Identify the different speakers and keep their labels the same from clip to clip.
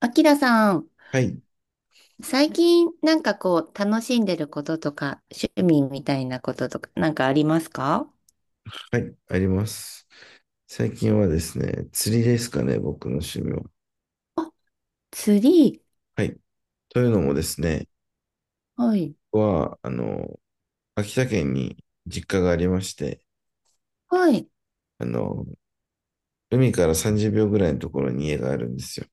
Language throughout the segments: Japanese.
Speaker 1: あきらさん、
Speaker 2: はい、
Speaker 1: 最近なんかこう楽しんでることとか趣味みたいなこととかなんかありますか？
Speaker 2: はい、あります。最近はですね、釣りですかね、僕の趣味は。
Speaker 1: あ、釣り。
Speaker 2: はい。というのもですね、
Speaker 1: はい。
Speaker 2: 僕は、秋田県に実家がありまして、
Speaker 1: はい。
Speaker 2: あの、海から30秒ぐらいのところに家があるんですよ。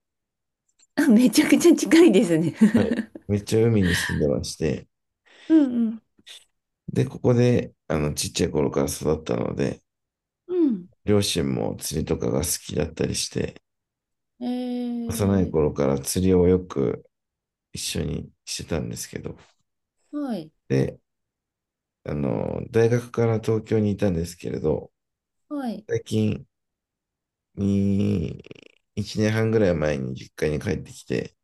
Speaker 1: あ、めちゃくちゃ近いですね。
Speaker 2: はい。めっちゃ海に住んでまして、
Speaker 1: うん
Speaker 2: で、ここで、ちっちゃい頃から育ったので、
Speaker 1: うん。
Speaker 2: 両親も釣りとかが好きだったりして、
Speaker 1: う
Speaker 2: 幼
Speaker 1: ん。
Speaker 2: い
Speaker 1: えー、
Speaker 2: 頃から釣りをよく一緒にしてたんですけど、
Speaker 1: はい。
Speaker 2: で、大学から東京にいたんですけれど、
Speaker 1: はい。
Speaker 2: 最近に、1年半ぐらい前に実家に帰ってきて、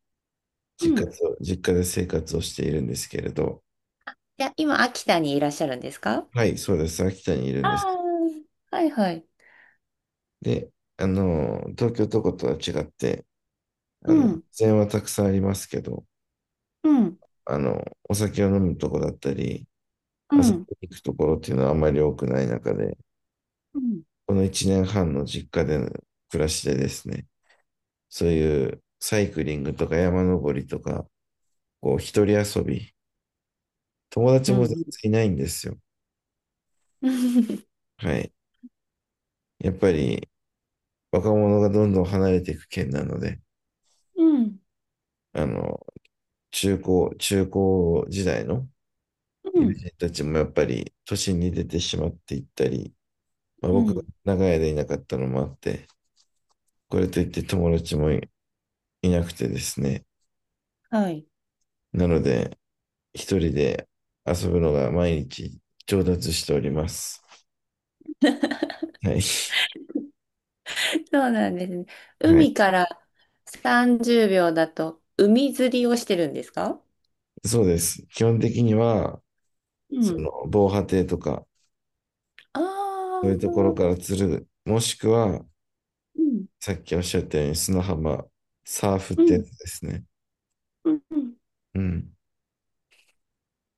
Speaker 1: うん。
Speaker 2: 実家で生活をしているんですけれど、
Speaker 1: いや、今、秋田にいらっしゃるんですか？
Speaker 2: はい、そうです。秋田にいるん
Speaker 1: あ
Speaker 2: です。
Speaker 1: ー、はいはい。
Speaker 2: で、東京とことは違って、
Speaker 1: うん。
Speaker 2: 自然はたくさんありますけど、
Speaker 1: うん。
Speaker 2: あの、お酒を飲むとこだったり、
Speaker 1: う
Speaker 2: 遊び
Speaker 1: ん。
Speaker 2: に行くところっていうのはあまり多くない中で、
Speaker 1: うん。
Speaker 2: この1年半の実家での暮らしでですね、そういうサイクリングとか山登りとか、こう、一人遊び。友達
Speaker 1: う
Speaker 2: も全
Speaker 1: ん。
Speaker 2: 然いないんですよ。
Speaker 1: うん。
Speaker 2: はい。やっぱり、若者がどんどん離れていく県なので、
Speaker 1: うん。
Speaker 2: あの、中高時代の
Speaker 1: う
Speaker 2: 友
Speaker 1: ん。
Speaker 2: 人たちもやっぱり、都心に出てしまっていったり、まあ、
Speaker 1: う
Speaker 2: 僕が
Speaker 1: ん、
Speaker 2: 長い間いなかったのもあって、これといって友達もい、いなくてですね。
Speaker 1: はい。
Speaker 2: なので、一人で遊ぶのが毎日上達しております。はい。
Speaker 1: そうなんですね。
Speaker 2: はい。
Speaker 1: 海から30秒だと海釣りをしてるんですか？
Speaker 2: そうです。基本的には、
Speaker 1: う
Speaker 2: そ
Speaker 1: ん。
Speaker 2: の、防波堤とか、そう
Speaker 1: ああ、
Speaker 2: いうところから釣る。もしくは、
Speaker 1: うん。
Speaker 2: さっきおっしゃったように砂浜、サーフっ
Speaker 1: う
Speaker 2: てや
Speaker 1: ん。
Speaker 2: つですね。
Speaker 1: うん。うん。
Speaker 2: うん。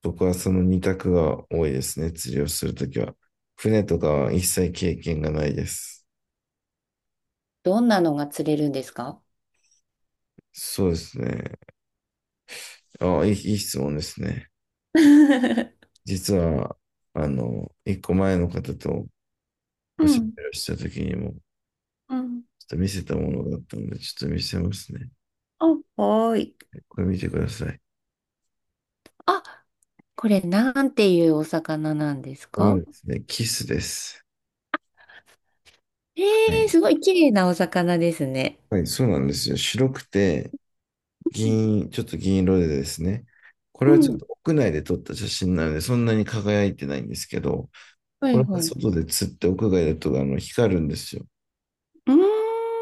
Speaker 2: 僕はその二択が多いですね。釣りをするときは。船とかは一切経験がないです。
Speaker 1: どんなのが釣れるんですか？
Speaker 2: そうですね。いい質問ですね。実は、一個前の方と
Speaker 1: う
Speaker 2: おしゃ
Speaker 1: ん。
Speaker 2: べりをしたときにも、ち
Speaker 1: う
Speaker 2: ょ
Speaker 1: ん。
Speaker 2: っと見せたものだったので、ちょっと見せますね。
Speaker 1: あ、はーい。
Speaker 2: これ見てください。
Speaker 1: あ、これなんていうお魚なんです
Speaker 2: こ
Speaker 1: か？
Speaker 2: れですね、キスです。
Speaker 1: え
Speaker 2: はい、
Speaker 1: ー、すごい綺麗なお魚ですね。
Speaker 2: はいそうなんですよ。白くて、ちょっと銀色でですね、これ
Speaker 1: う
Speaker 2: は
Speaker 1: ん。
Speaker 2: ち
Speaker 1: う
Speaker 2: ょっ
Speaker 1: ん、
Speaker 2: と屋内で撮った写真なので、そんなに輝いてないんですけど、
Speaker 1: は
Speaker 2: こ
Speaker 1: い
Speaker 2: れは
Speaker 1: はい。う
Speaker 2: 外で釣って屋外だとあの光るんですよ。
Speaker 1: ーん。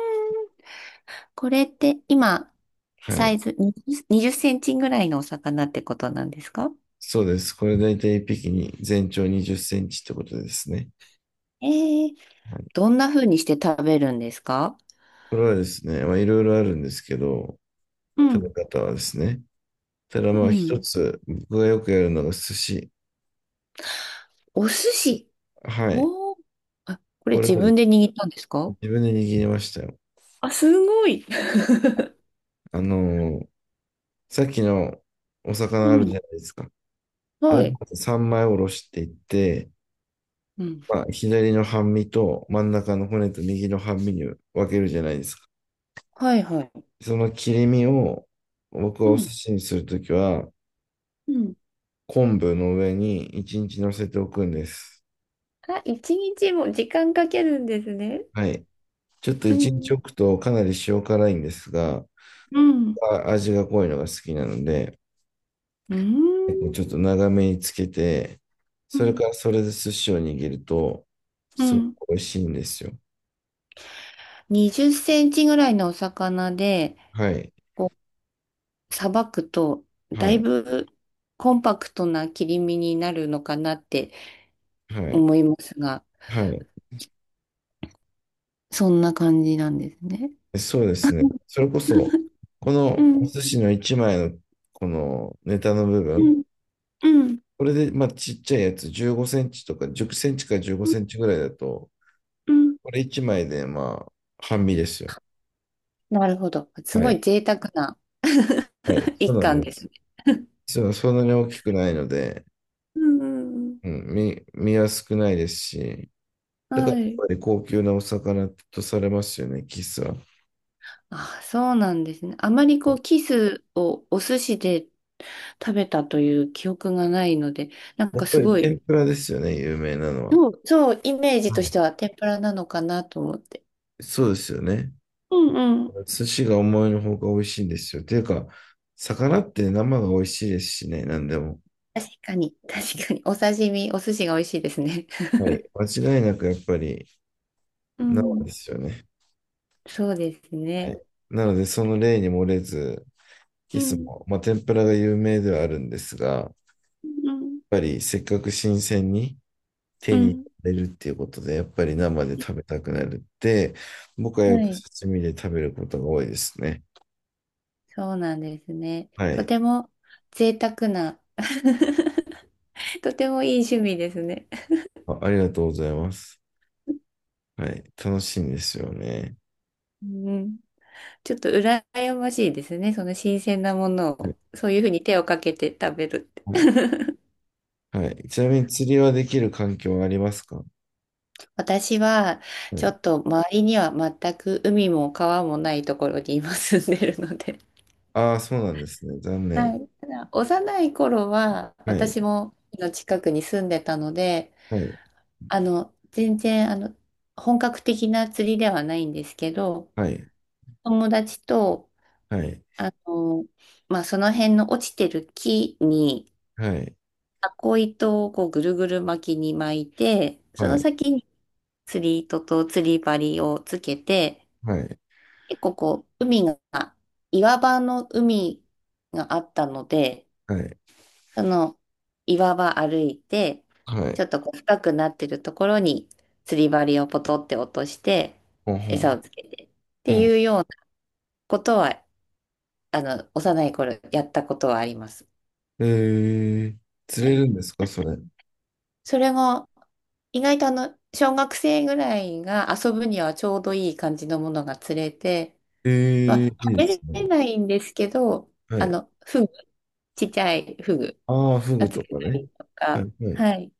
Speaker 1: これって今、
Speaker 2: は
Speaker 1: サ
Speaker 2: い。
Speaker 1: イズ20、20センチぐらいのお魚ってことなんですか？
Speaker 2: そうです。これ大体一匹に全長20センチってことですね。
Speaker 1: ええ、
Speaker 2: はい。
Speaker 1: どんな風にして食べるんですか？
Speaker 2: これはですね、まあいろいろあるんですけど、
Speaker 1: う
Speaker 2: 食
Speaker 1: ん、
Speaker 2: べ方はですね。ただ
Speaker 1: う
Speaker 2: まあ一
Speaker 1: ん。
Speaker 2: つ、僕がよくやるのが寿司。
Speaker 1: お寿司。
Speaker 2: はい。
Speaker 1: おー、あ、これ
Speaker 2: これ
Speaker 1: 自
Speaker 2: はで
Speaker 1: 分で
Speaker 2: す
Speaker 1: 握ったんです
Speaker 2: ね、
Speaker 1: か？
Speaker 2: 自分で握りましたよ。
Speaker 1: あ、すごい。
Speaker 2: あのーさっきのお
Speaker 1: う
Speaker 2: 魚あるじ
Speaker 1: ん、
Speaker 2: ゃないですか。ア
Speaker 1: は
Speaker 2: ル
Speaker 1: い。
Speaker 2: バイ3枚おろしていって、
Speaker 1: うん、
Speaker 2: まあ、左の半身と真ん中の骨と右の半身に分けるじゃないですか。
Speaker 1: はいはい。
Speaker 2: その切り身を僕
Speaker 1: う
Speaker 2: はお寿
Speaker 1: ん、
Speaker 2: 司にするときは
Speaker 1: うん。
Speaker 2: 昆布の上に1日乗せておくんです。
Speaker 1: あ、一日も時間かけるんですね。
Speaker 2: はい。ちょっと
Speaker 1: う
Speaker 2: 1日
Speaker 1: ん、
Speaker 2: 置くとかなり塩辛いんですが、
Speaker 1: うん、
Speaker 2: あ味が濃いのが好きなので、
Speaker 1: うん、
Speaker 2: ちょっと長めにつけて、
Speaker 1: う
Speaker 2: それ
Speaker 1: ん、
Speaker 2: からそれで寿司を握ると、
Speaker 1: う
Speaker 2: すごく
Speaker 1: ん。
Speaker 2: 美味しいんですよ。
Speaker 1: 20センチぐらいのお魚で、
Speaker 2: はい。
Speaker 1: こう、さばくと、だ
Speaker 2: は
Speaker 1: い
Speaker 2: い。
Speaker 1: ぶコンパクトな切り身になるのかなって
Speaker 2: はい。
Speaker 1: 思いますが、
Speaker 2: はい。
Speaker 1: そんな感じなんですね。
Speaker 2: そうですね。それこそ、こ
Speaker 1: う
Speaker 2: のお
Speaker 1: ん、
Speaker 2: 寿司の1枚のこのネタの部
Speaker 1: う
Speaker 2: 分、
Speaker 1: ん、うん、
Speaker 2: これで、まあ、ちっちゃいやつ、15センチとか、10センチから15センチぐらいだと、
Speaker 1: うん。
Speaker 2: これ1枚で、まあ、半身ですよ。
Speaker 1: なるほど。す
Speaker 2: は
Speaker 1: ごい
Speaker 2: い。
Speaker 1: 贅沢な。
Speaker 2: はい。そう
Speaker 1: 一
Speaker 2: な
Speaker 1: 貫
Speaker 2: んで
Speaker 1: ですね。
Speaker 2: す。そう、そんなに大きくないので、
Speaker 1: うんうんうん。
Speaker 2: うん、身は少ないですし、だから
Speaker 1: は
Speaker 2: やっ
Speaker 1: い。
Speaker 2: ぱり高級なお魚とされますよね、キスは。
Speaker 1: あ、そうなんですね。あまりこう、キスをお寿司で食べたという記憶がないので、なん
Speaker 2: や
Speaker 1: か
Speaker 2: っぱ
Speaker 1: す
Speaker 2: り
Speaker 1: ごい、
Speaker 2: 天ぷらですよね、有名なのは。
Speaker 1: そうそう、イメージ
Speaker 2: は
Speaker 1: とし
Speaker 2: い。
Speaker 1: ては天ぷらなのかなと思って。
Speaker 2: そうですよね。
Speaker 1: うんうん。
Speaker 2: 寿司が思いのほか美味しいんですよ。ていうか、魚って生が美味しいですしね、何でも。
Speaker 1: 確かに、確かに、お刺身、お寿司が美味しいですね。
Speaker 2: はい。間違いなくやっぱり
Speaker 1: う
Speaker 2: 生
Speaker 1: ん、
Speaker 2: ですよね。
Speaker 1: そうです
Speaker 2: は
Speaker 1: ね。
Speaker 2: い。なので、その例に漏れず、
Speaker 1: う
Speaker 2: いつ
Speaker 1: ん
Speaker 2: も、まあ、天ぷらが有名ではあるんですが、やっ
Speaker 1: うん。
Speaker 2: ぱりせっかく新鮮に
Speaker 1: う
Speaker 2: 手に入
Speaker 1: ん。
Speaker 2: れるっていうことで、やっぱり生で食べたくなるって、僕はよ
Speaker 1: は
Speaker 2: く
Speaker 1: い。
Speaker 2: 刺身で食べることが多いですね。
Speaker 1: そうなんですね。
Speaker 2: は
Speaker 1: と
Speaker 2: い。
Speaker 1: ても贅沢な、とてもいい趣味ですね。
Speaker 2: あ、ありがとうございます。はい。楽しいんですよね。
Speaker 1: うん。ちょっと羨ましいですね。その新鮮なものを、そういうふうに手をかけて食べるって。
Speaker 2: はいはい。ちなみに釣りはできる環境はありますか？は
Speaker 1: 私は、ちょ
Speaker 2: い。
Speaker 1: っと周りには全く海も川もないところに今住んでるので。
Speaker 2: ああ、そうなんですね。残
Speaker 1: は
Speaker 2: 念。
Speaker 1: い。ただ、幼い頃は、
Speaker 2: はい。
Speaker 1: 私も海の近くに住んでたので、
Speaker 2: はい。
Speaker 1: あの、全然、あの、本格的な釣りではないんですけど、
Speaker 2: はい。
Speaker 1: 友達と、
Speaker 2: はい。
Speaker 1: あの、まあ、その辺の落ちてる木に、
Speaker 2: はい。
Speaker 1: タコ糸をこうぐるぐる巻きに巻いて、そ
Speaker 2: は
Speaker 1: の
Speaker 2: い。
Speaker 1: 先に釣り糸と釣り針をつけて、
Speaker 2: はい。
Speaker 1: 結構こう、海が、岩場の海があったので、
Speaker 2: はい。
Speaker 1: その岩場歩いて、
Speaker 2: はい。
Speaker 1: ちょっとこう深くなってるところに釣り針をポトって落として、
Speaker 2: ほんほ
Speaker 1: 餌
Speaker 2: ん。
Speaker 1: をつけてっ
Speaker 2: ほ
Speaker 1: て
Speaker 2: ん。
Speaker 1: いうようなことは、あの、幼い頃やったことはあります。
Speaker 2: えー、釣
Speaker 1: は
Speaker 2: れ
Speaker 1: い、
Speaker 2: るんですかそれ？
Speaker 1: それが意外とあの小学生ぐらいが遊ぶにはちょうどいい感じのものが釣れて、
Speaker 2: え
Speaker 1: ま
Speaker 2: ー、い
Speaker 1: あ、
Speaker 2: い
Speaker 1: 食
Speaker 2: で
Speaker 1: べ
Speaker 2: すね。
Speaker 1: れないんですけど、
Speaker 2: は
Speaker 1: あ
Speaker 2: い。
Speaker 1: の、フグ、ちっちゃいフグ
Speaker 2: ああ、フ
Speaker 1: が
Speaker 2: グと
Speaker 1: 釣れ
Speaker 2: か
Speaker 1: た
Speaker 2: ね。
Speaker 1: りと
Speaker 2: は
Speaker 1: か、
Speaker 2: い。はい。
Speaker 1: はい。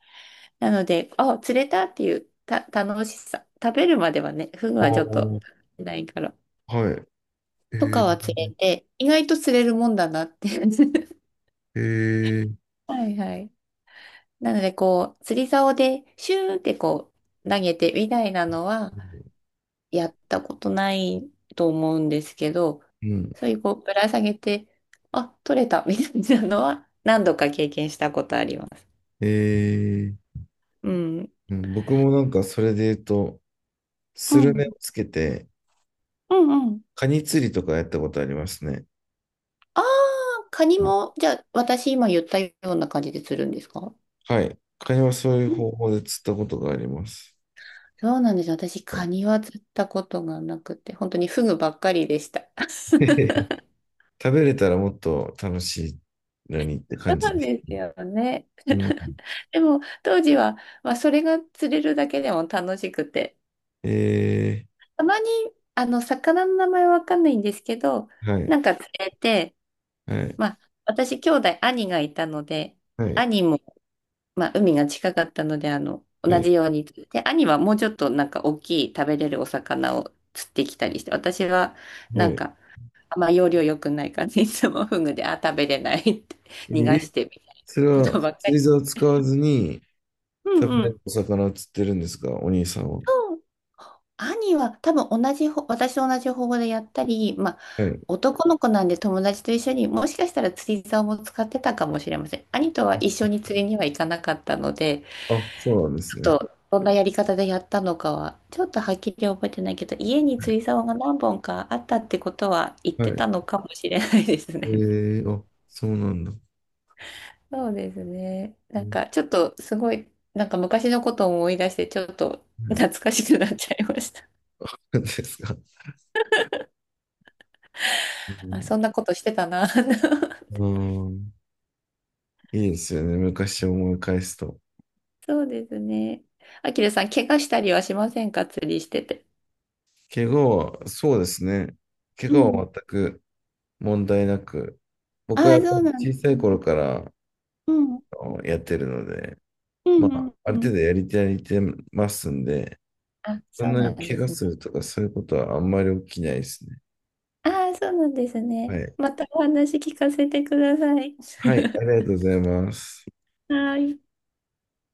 Speaker 1: なので、あ、釣れたっていうた楽しさ、食べるまではね、フグ
Speaker 2: あ
Speaker 1: はち
Speaker 2: あ、
Speaker 1: ょっとないから、
Speaker 2: はい。え
Speaker 1: とか
Speaker 2: ー、
Speaker 1: は釣れて、意外と釣れるもんだなって。
Speaker 2: えー、
Speaker 1: はいはい。なので、こう、釣り竿でシューってこう、投げてみたいなのは、やったことないと思うんですけど、
Speaker 2: うん。
Speaker 1: そういうこうぶら下げて、あ、取れたみたいなのは何度か経験したことあります。
Speaker 2: えー、
Speaker 1: うん。
Speaker 2: うん、僕もなんかそれで言うと、
Speaker 1: う
Speaker 2: スルメ
Speaker 1: ん。
Speaker 2: をつけて、
Speaker 1: うんうん。
Speaker 2: カニ釣りとかやったことありますね。
Speaker 1: ああ、カニも、じゃあ私今言ったような感じで釣るんですか？
Speaker 2: はい。会話はそういう
Speaker 1: うん、
Speaker 2: 方法で釣ったことがあります。
Speaker 1: そうなんです。私
Speaker 2: は
Speaker 1: カ
Speaker 2: い
Speaker 1: ニは釣ったことがなくて、本当にフグばっかりでした。そ
Speaker 2: 食べれたらもっと楽しいのにって
Speaker 1: う
Speaker 2: 感じ
Speaker 1: なん
Speaker 2: です。
Speaker 1: ですよね。
Speaker 2: うん。
Speaker 1: でも当時は、まあ、それが釣れるだけでも楽しくて、
Speaker 2: え
Speaker 1: たまに、あの、魚の名前わかんないんですけど、
Speaker 2: ー、は
Speaker 1: な
Speaker 2: い、
Speaker 1: んか連れて、
Speaker 2: はい、
Speaker 1: まあ、私、兄がいたので、
Speaker 2: はい、
Speaker 1: 兄も、まあ、海が近かったので、あの、
Speaker 2: は
Speaker 1: 同
Speaker 2: い、
Speaker 1: じように釣って、兄はもうちょっとなんか大きい食べれるお魚を釣ってきたりして、私は
Speaker 2: は
Speaker 1: なん
Speaker 2: い。
Speaker 1: か、あんま要領良くない感じ、いつもフグで、あ、食べれないって
Speaker 2: え
Speaker 1: 逃がし
Speaker 2: ー
Speaker 1: てみたいな
Speaker 2: それ
Speaker 1: こと
Speaker 2: は
Speaker 1: ばっか
Speaker 2: 釣り
Speaker 1: り。
Speaker 2: 竿を使わずに
Speaker 1: う
Speaker 2: 食べ
Speaker 1: んう
Speaker 2: れ
Speaker 1: ん。
Speaker 2: るお魚を釣ってるんですか、お兄さんは？
Speaker 1: 兄は多分同じほ、私と同じ方法でやったり、まあ、
Speaker 2: はい。
Speaker 1: 男の子なんで友達と一緒にもしかしたら釣り竿も使ってたかもしれません。兄とは一緒に釣りには行かなかったので、
Speaker 2: あ、そうなんです
Speaker 1: ち
Speaker 2: ね。
Speaker 1: ょっとどんなやり方でやったのかは、ちょっとはっきり覚えてないけど、家に釣り竿が何本かあったってことは言っ
Speaker 2: は
Speaker 1: て
Speaker 2: い。
Speaker 1: たのかもしれないです
Speaker 2: え
Speaker 1: ね。
Speaker 2: ー、あ、そうなんだ。
Speaker 1: そうですね。
Speaker 2: う
Speaker 1: なん
Speaker 2: ん
Speaker 1: かちょっとすごい、なんか昔のことを思い出して、ちょっと
Speaker 2: はい
Speaker 1: 懐かしくなっちゃいました。
Speaker 2: そう ですか。う
Speaker 1: あ、
Speaker 2: ん、
Speaker 1: そんなことしてたな。
Speaker 2: うんいいですよね。昔を思い返すと。
Speaker 1: そうですね。あきらさん、怪我したりはしませんか？釣りしてて。
Speaker 2: 怪我は、そうですね。怪
Speaker 1: う
Speaker 2: 我
Speaker 1: ん。
Speaker 2: は全く問題なく、僕は
Speaker 1: ああ、
Speaker 2: やっぱ
Speaker 1: そ
Speaker 2: り
Speaker 1: うなんで
Speaker 2: 小さ
Speaker 1: す
Speaker 2: い
Speaker 1: ね。
Speaker 2: 頃から
Speaker 1: うん。
Speaker 2: あのやってるので、
Speaker 1: う
Speaker 2: ま
Speaker 1: んう
Speaker 2: あ、
Speaker 1: ん
Speaker 2: ある
Speaker 1: う
Speaker 2: 程
Speaker 1: ん。
Speaker 2: 度やりてやりてますんで、
Speaker 1: あ、
Speaker 2: そ
Speaker 1: そ
Speaker 2: ん
Speaker 1: う
Speaker 2: な
Speaker 1: な
Speaker 2: に
Speaker 1: んで
Speaker 2: 怪我
Speaker 1: すね。
Speaker 2: するとかそういうことはあんまり起きないですね。
Speaker 1: ああ、そうなんです
Speaker 2: は
Speaker 1: ね。
Speaker 2: い。
Speaker 1: またお話聞かせてください。
Speaker 2: はい、ありが とうございます。
Speaker 1: はい。